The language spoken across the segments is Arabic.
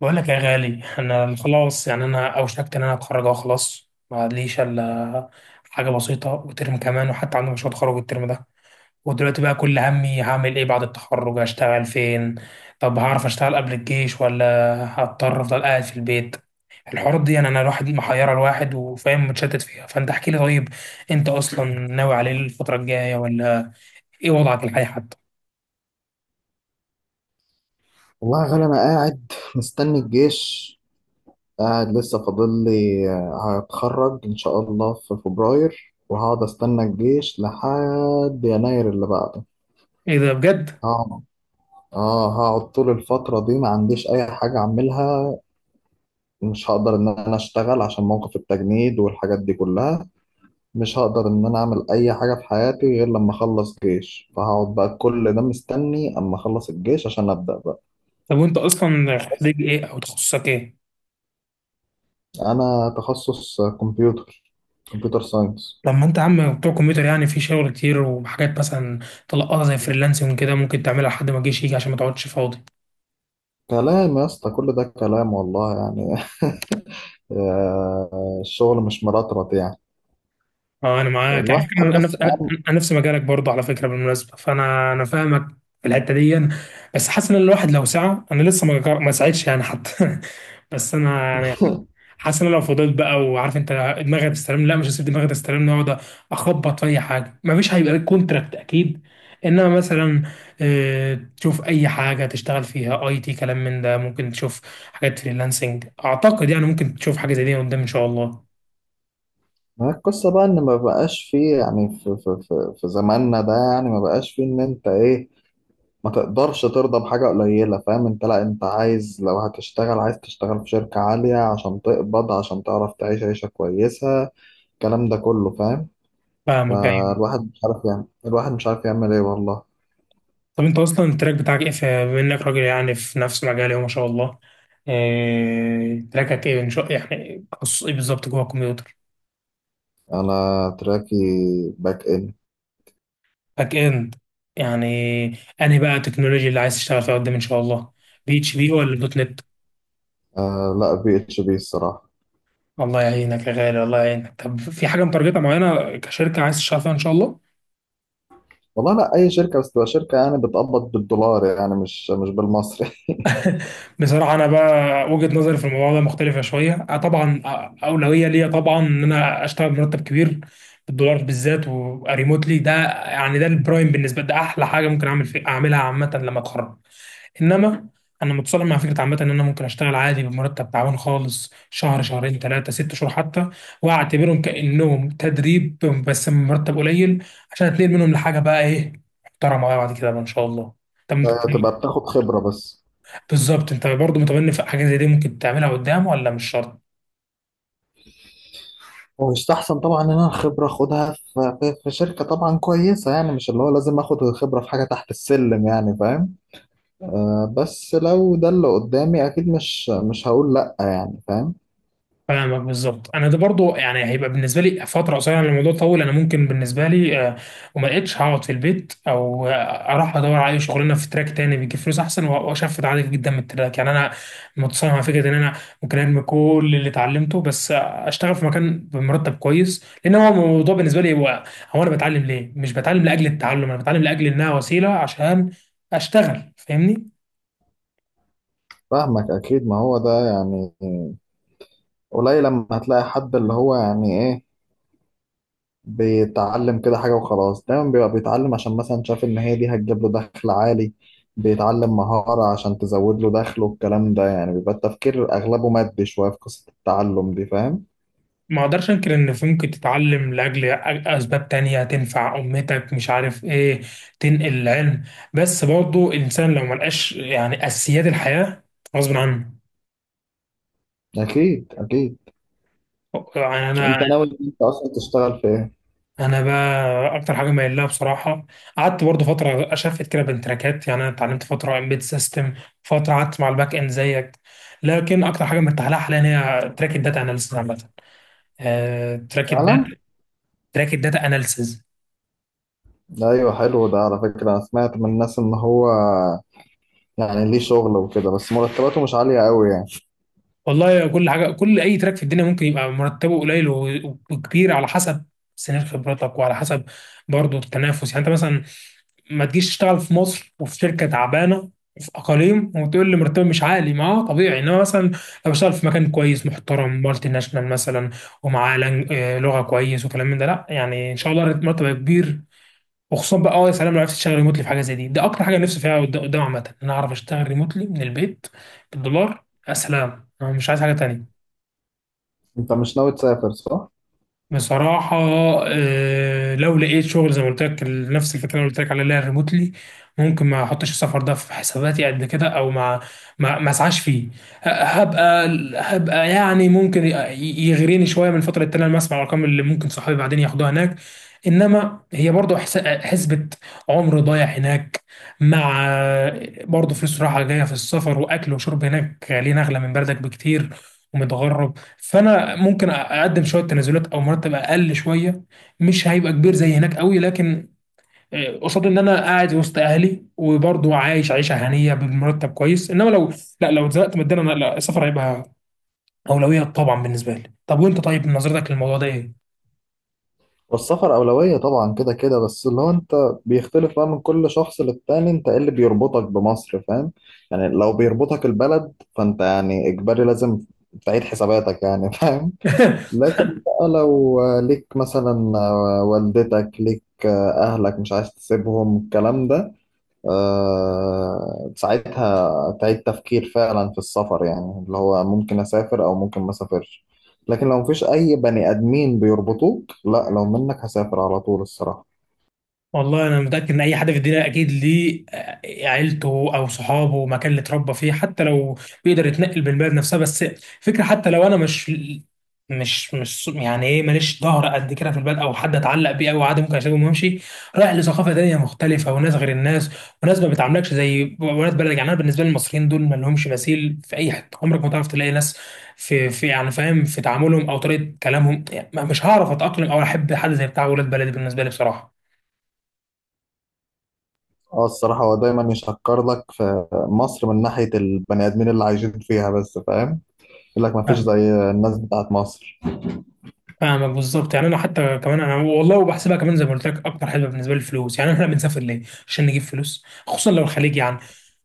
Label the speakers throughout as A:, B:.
A: بقول لك يا غالي. انا خلاص، يعني انا اوشكت ان انا اتخرج اهو، خلاص ما ليش الا حاجه بسيطه وترم كمان، وحتى عندي مشروع تخرج الترم ده. ودلوقتي بقى كل همي هعمل ايه بعد التخرج؟ اشتغل فين؟ طب هعرف اشتغل قبل الجيش ولا هضطر افضل قاعد في البيت؟ الحوارات دي يعني انا الواحد محيره الواحد، وفاهم متشتت فيها. فانت احكي لي طيب، انت اصلا ناوي على ايه الفتره الجايه؟ ولا ايه وضعك الحالي حتى؟
B: والله يا غالي أنا قاعد مستني الجيش. قاعد لسه فاضل لي هتخرج إن شاء الله في فبراير وهقعد أستنى الجيش لحد يناير اللي بعده.
A: ايه ده بجد؟
B: هقعد، آه هقعد طول الفترة دي ما عنديش أي حاجة أعملها. مش هقدر إن أنا أشتغل عشان موقف التجنيد والحاجات دي كلها. مش هقدر إن أنا أعمل أي حاجة في حياتي غير لما أخلص جيش، فهقعد بقى كل ده مستني أما أخلص الجيش عشان أبدأ بقى.
A: طب وانت اصلا خريج ايه او تخصصك ايه؟
B: انا تخصص كمبيوتر، كمبيوتر ساينس.
A: لما انت عم بتوع كمبيوتر يعني في شغل كتير وحاجات مثلا تلقطها زي فريلانسنج كده ممكن تعملها لحد ما الجيش يجي عشان ما تقعدش فاضي.
B: كلام يا اسطى، كل ده كلام والله يعني. الشغل مش مرطرط يعني.
A: اه انا معاك، يعني
B: الواحد
A: انا
B: بس
A: نفس انا.
B: أهم-
A: أنا نفس مجالك برضه على فكره، بالمناسبه، فانا فاهمك في الحته دي. بس حاسس ان الواحد لو سعى، انا لسه ما سعيتش يعني حتى. بس انا يعني حاسس ان انا لو فضلت بقى، وعارف انت دماغي هتستلم، لا مش هسيب دماغي تستلم. اقعد اخبط في اي حاجه مفيش هيبقى لك كونتراكت اكيد. انما مثلا تشوف اي حاجه تشتغل فيها، اي تي، كلام من ده، ممكن تشوف حاجات فريلانسنج اعتقد، يعني ممكن تشوف حاجه زي دي قدام ان شاء الله.
B: ما هي القصة بقى ان ما بقاش فيه يعني في زماننا ده، يعني ما بقاش فيه ان انت ايه، ما تقدرش ترضى بحاجة قليلة، فاهم؟ انت لا انت عايز لو هتشتغل عايز تشتغل في شركة عالية عشان تقبض، عشان تعرف تعيش عيشة كويسة، الكلام ده كله فاهم.
A: فاهمك، ايوه.
B: فالواحد مش عارف، يعني الواحد مش عارف يعمل ايه والله.
A: طب انت اصلا التراك بتاعك ايه بما انك راجل يعني في نفس مجالي وما شاء الله؟ تراكك ايه ان شاء، يعني تخصص ايه بالظبط جوه الكمبيوتر؟
B: انا تراكي باك اند.
A: باك اند؟ يعني انهي بقى التكنولوجيا اللي عايز تشتغل فيها قدام ان شاء الله؟ بي اتش بي ولا دوت نت؟
B: آه لا، بي اتش بي الصراحه.
A: الله يعينك يا غالي، الله يعينك. طب في حاجه متارجتها معينه كشركه عايز تشتغل فيها ان شاء الله؟
B: والله لا، اي شركه بس تبقى شركه يعني بتقبض بالدولار، يعني مش مش بالمصري.
A: بصراحه انا بقى وجهه نظري في الموضوع ده مختلفه شويه. طبعا اولويه ليا طبعا ان انا اشتغل بمرتب كبير بالدولار بالذات وريموتلي. ده يعني ده البرايم بالنسبه لي، ده احلى حاجه ممكن اعمل في اعملها عامه لما اتخرج. انما انا متصالح مع فكره عامه ان انا ممكن اشتغل عادي بمرتب تعبان خالص شهر، شهرين، ثلاثه، ست شهور حتى، واعتبرهم كانهم تدريب بس مرتب قليل، عشان اتنقل منهم لحاجه بقى ايه، محترمه بقى بعد كده بقى ان شاء الله. طب انت-
B: تبقى بتاخد خبره بس.
A: بالظبط انت برضه متمني في حاجه زي دي ممكن تعملها قدام ولا مش شرط؟
B: ويستحسن طبعا ان انا الخبره اخدها في شركه طبعا كويسه، يعني مش اللي هو لازم اخد الخبره في حاجه تحت السلم، يعني فاهم. آه بس لو ده اللي قدامي اكيد مش مش هقول لا، يعني فاهم.
A: فاهمك بالظبط. انا ده برضو يعني هيبقى بالنسبه لي فتره قصيره، لأن الموضوع طول انا ممكن بالنسبه لي وما لقيتش هقعد في البيت، او اروح ادور على اي شغلانه في تراك تاني بيجيب فلوس احسن واشفت عادي جدا من التراك. يعني انا متصالح مع فكره ان انا ممكن ارمي كل اللي اتعلمته بس اشتغل في مكان بمرتب كويس. لان هو الموضوع بالنسبه لي هو هو انا بتعلم ليه؟ مش بتعلم لاجل التعلم، انا بتعلم لاجل انها وسيله عشان اشتغل، فاهمني؟
B: فاهمك اكيد، ما هو ده يعني قليل لما هتلاقي حد اللي هو يعني ايه بيتعلم كده حاجة وخلاص، دايما بيبقى بيتعلم عشان مثلا شاف إن هي دي هتجيب له دخل عالي، بيتعلم مهارة عشان تزود له دخله، والكلام ده يعني بيبقى التفكير أغلبه مادي شوية في قصة التعلم دي، فاهم؟
A: ما اقدرش انكر ان في ممكن تتعلم اسباب تانية تنفع امتك، مش عارف ايه، تنقل العلم، بس برضه الانسان لو ملقاش يعني اساسيات الحياة غصب عنه.
B: أكيد أكيد.
A: يعني انا
B: أنت ناوي إن أنت أصلا تشتغل في إيه؟
A: انا بقى اكتر حاجه مايل لها بصراحه، قعدت برضه فتره اشفت كده بين تراكات، يعني انا اتعلمت فتره امبيد سيستم، فتره قعدت مع الباك اند زيك، لكن اكتر حاجه مرتاح لها حاليا هي تراك الداتا اناليسيس عامه. تراك الداتا،
B: فعلا؟
A: تراك الداتا اناليسيس.
B: أيوه حلو، ده على فكرة أنا سمعت من الناس إن هو يعني ليه شغل وكده بس مرتباته مش عالية أوي يعني.
A: والله كل حاجه، كل اي تراك في الدنيا ممكن يبقى مرتبه قليل وكبير، على حسب سنين خبرتك وعلى حسب برضه التنافس. يعني انت مثلا ما تجيش تشتغل في مصر وفي شركه تعبانه في اقاليم وتقول لي مرتبي مش عالي، ما هو طبيعي. انما مثلا لو اشتغل في مكان كويس محترم، مالتي ناشونال مثلا، ومعاه لغه كويس وكلام من ده، لا يعني ان شاء الله مرتب كبير. وخصوصا بقى اه يا سلام لو عرفت تشتغل ريموتلي في حاجه زي دي، ده اكتر حاجه نفسي فيها قدام عامه، ان انا اعرف اشتغل ريموتلي من البيت بالدولار. يا سلام، انا مش عايز حاجه تانية.
B: أنت مش ناوي تسافر صح؟
A: بصراحة لو لقيت شغل زي ما قلت لك، نفس الفكرة اللي قلت لك عليها، اللي هي ريموتلي، ممكن ما احطش السفر ده في حساباتي قد كده، او ما ما اسعاش فيه. هبقى، هبقى يعني ممكن يغريني شوية من فترة التانية لما اسمع الارقام اللي ممكن صحابي بعدين ياخدوها هناك. انما هي برضه حسبة عمر ضايع هناك، مع برضه فلوس رايحة جاية في السفر، واكل وشرب هناك غاليين اغلى من بلدك بكتير، ومتغرب. فانا ممكن اقدم شويه تنازلات او مرتب اقل شويه، مش هيبقى كبير زي هناك قوي، لكن قصاد ان انا قاعد وسط اهلي وبرضه عايش عيشه هنيه بمرتب كويس. انما لو لا، لو اتزنقت ماديا انا، لا السفر هيبقى اولويه طبعا بالنسبه لي. طب وانت طيب نظرتك للموضوع ده ايه؟
B: والسفر أولوية طبعا كده كده، بس اللي هو أنت بيختلف بقى من كل شخص للتاني، أنت إيه اللي بيربطك بمصر فاهم؟ يعني لو بيربطك البلد فأنت يعني إجباري لازم تعيد حساباتك يعني. فاهم. لكن بقى لو ليك مثلا والدتك، ليك أهلك مش عايز تسيبهم الكلام ده، ساعتها تعيد تفكير فعلا في السفر، يعني اللي هو ممكن أسافر أو ممكن ما أسافرش. لكن لو مفيش أي بني آدمين بيربطوك لا، لو منك هسافر على طول الصراحة.
A: والله انا متاكد ان اي حد في الدنيا اكيد ليه عيلته او صحابه مكان اللي اتربى فيه، حتى لو بيقدر يتنقل بالبلد نفسها بس فكره. حتى لو انا مش مش يعني ايه، ماليش ظهر قد كده في البلد او حد اتعلق بيه، او عادي ممكن اسيبهم وامشي رايح لثقافه تانيه مختلفه وناس غير الناس، وناس ما بتعاملكش زي ولاد بلد. يعني انا بالنسبه لي المصريين دول ما لهمش مثيل في اي حته. عمرك ما تعرف تلاقي ناس في يعني، فاهم، في تعاملهم او طريقه كلامهم. يعني مش هعرف اتاقلم او احب حد زي بتاع ولاد بلدي بالنسبه لي بصراحه.
B: اه الصراحة هو دايما يشكر لك في مصر من ناحية البني آدمين اللي عايشين فيها، بس فاهم، يقول لك مفيش زي الناس بتاعت مصر.
A: فاهمك بالظبط. يعني انا حتى كمان انا والله وبحسبها كمان، زي ما قلت لك اكتر حسبه بالنسبه لي الفلوس، يعني احنا بنسافر ليه؟ عشان نجيب فلوس، خصوصا لو الخليج. يعني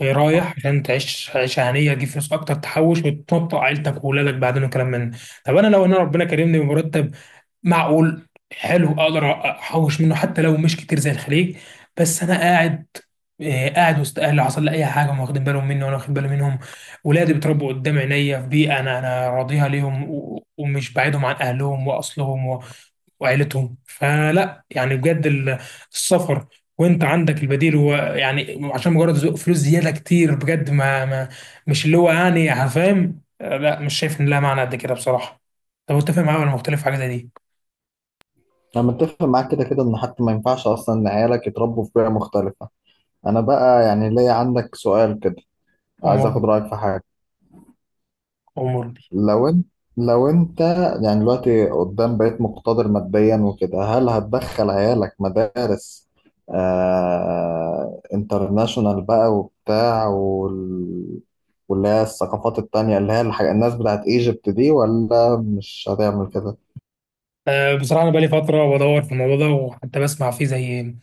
A: رايح عشان تعيش عيشه هنيه، تجيب فلوس اكتر، تحوش وتنطق عيلتك واولادك بعدين، وكلام من ده. طب انا لو انا ربنا كرمني بمرتب معقول حلو اقدر احوش منه حتى لو مش كتير زي الخليج، بس انا قاعد قاعد وسط اهلي. حصل لي اي حاجه هم واخدين بالهم مني وانا واخد بالي منهم. ولادي بيتربوا قدام عينيا في بيئه انا انا راضيها ليهم، ومش بعيدهم عن اهلهم واصلهم وعيلتهم. فلا يعني بجد السفر، وانت عندك البديل، هو يعني عشان مجرد فلوس زياده كتير بجد، ما مش اللي هو يعني، فاهم، لا مش شايف ان لها معنى قد كده بصراحه. طب انت فاهم معايا ولا مختلف في حاجه زي دي؟
B: أنا متفق معاك كده كده إن حتى ما ينفعش أصلا إن عيالك يتربوا في بيئة مختلفة. أنا بقى يعني ليا عندك سؤال كده، عايز آخد
A: أموري،
B: رأيك في حاجة.
A: أموري.
B: لو انت لو انت يعني دلوقتي قدام بقيت مقتدر ماديا وكده، هل هتدخل عيالك مدارس آه انترناشونال بقى وبتاع وال... واللي هي الثقافات التانية اللي هي الح... الناس بتاعت ايجيبت دي ولا مش هتعمل كده؟
A: بصراحة أنا بقالي فترة بدور في الموضوع ده، وحتى بسمع فيه زي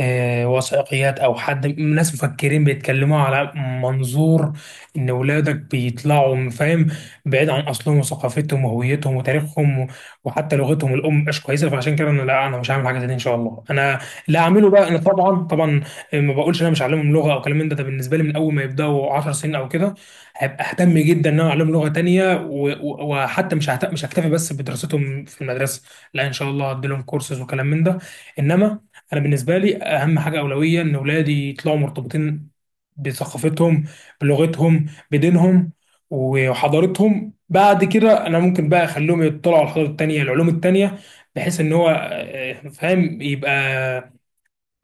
A: وثائقيات أو حد ناس مفكرين بيتكلموا على منظور إن ولادك بيطلعوا، فاهم، بعيد عن أصلهم وثقافتهم وهويتهم وتاريخهم وحتى لغتهم الأم مش كويسة. فعشان كده أنا لا، أنا مش هعمل حاجة زي دي إن شاء الله. أنا اللي هعمله بقى أنا طبعا طبعا ما بقولش إن أنا مش هعلمهم لغة أو كلام من ده. ده بالنسبة لي من أول ما يبدأوا 10 سنين أو كده هبقى اهتم جدا ان انا اعلمهم لغه تانية، وحتى مش مش هكتفي بس بدراستهم في المدرسه، لا ان شاء الله هديلهم كورسز وكلام من ده. انما انا بالنسبه لي اهم حاجه اولويه ان اولادي يطلعوا مرتبطين بثقافتهم، بلغتهم، بدينهم، وحضارتهم. بعد كده انا ممكن بقى اخليهم يطلعوا على الحضاره التانيه، العلوم التانيه، بحيث ان هو فاهم يبقى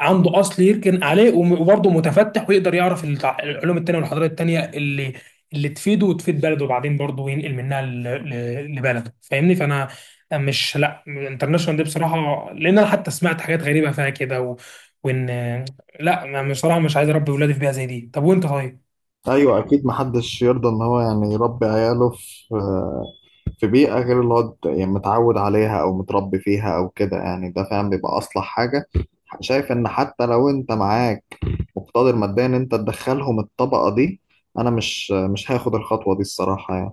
A: عنده اصل يركن عليه، وبرضه متفتح ويقدر يعرف العلوم التانية والحضارات التانية اللي اللي تفيده وتفيد بلده، وبعدين برضه ينقل منها لبلده. فاهمني؟ فانا مش، لا انترناشونال دي بصراحة، لان انا حتى سمعت حاجات غريبة فيها كده. و... وان لا، انا بصراحة مش عايز اربي ولادي في بيئة زي دي. طب وانت طيب؟
B: ايوه اكيد، محدش يرضى ان هو يعني يربي عياله في في بيئه غير اللي هو ت- يعني متعود عليها او متربي فيها او كده، يعني ده فعلا بيبقى اصلح حاجه. شايف ان حتى لو انت معاك مقتدر ماديا ان انت تدخلهم الطبقه دي، انا مش مش هاخد الخطوه دي الصراحه يعني.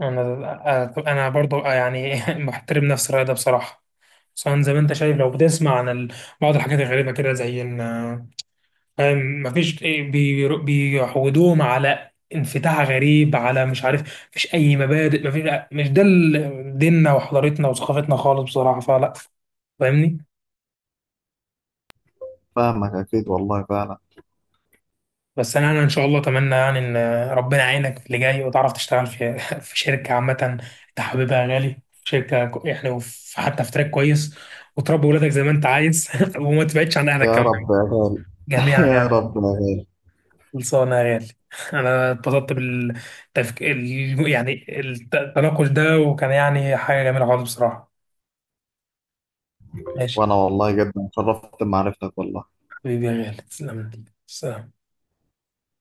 A: انا انا برضه يعني محترم نفس الرأي ده بصراحة، خصوصا زي ما انت شايف لو بتسمع عن بعض الحاجات الغريبة كده، زي ان مفيش بيعودوهم على انفتاح غريب على مش عارف، مفيش اي مبادئ، مفيش، مش ده ديننا وحضارتنا وثقافتنا خالص بصراحه فلا، فاهمني.
B: فاهمك اكيد والله فعلا.
A: بس انا انا ان شاء الله اتمنى يعني ان ربنا يعينك في اللي جاي، وتعرف تشتغل في في شركه عامه انت حاببها يا غالي، يعني حتى في تراك كويس، وتربي ولادك زي ما انت عايز وما تبعدش عن اهلك
B: يا
A: كمان،
B: رب يا غالي.
A: جميعا
B: يا
A: يعني.
B: رب يا غالي.
A: خلصانة يا غالي. أنا اتبسطت يعني التناقش ده، وكان يعني حاجة جميلة خالص بصراحة. ماشي،
B: وانا والله جدا اتشرفت بمعرفتك والله.
A: حبيبي يا غالي، تسلم لي سلام.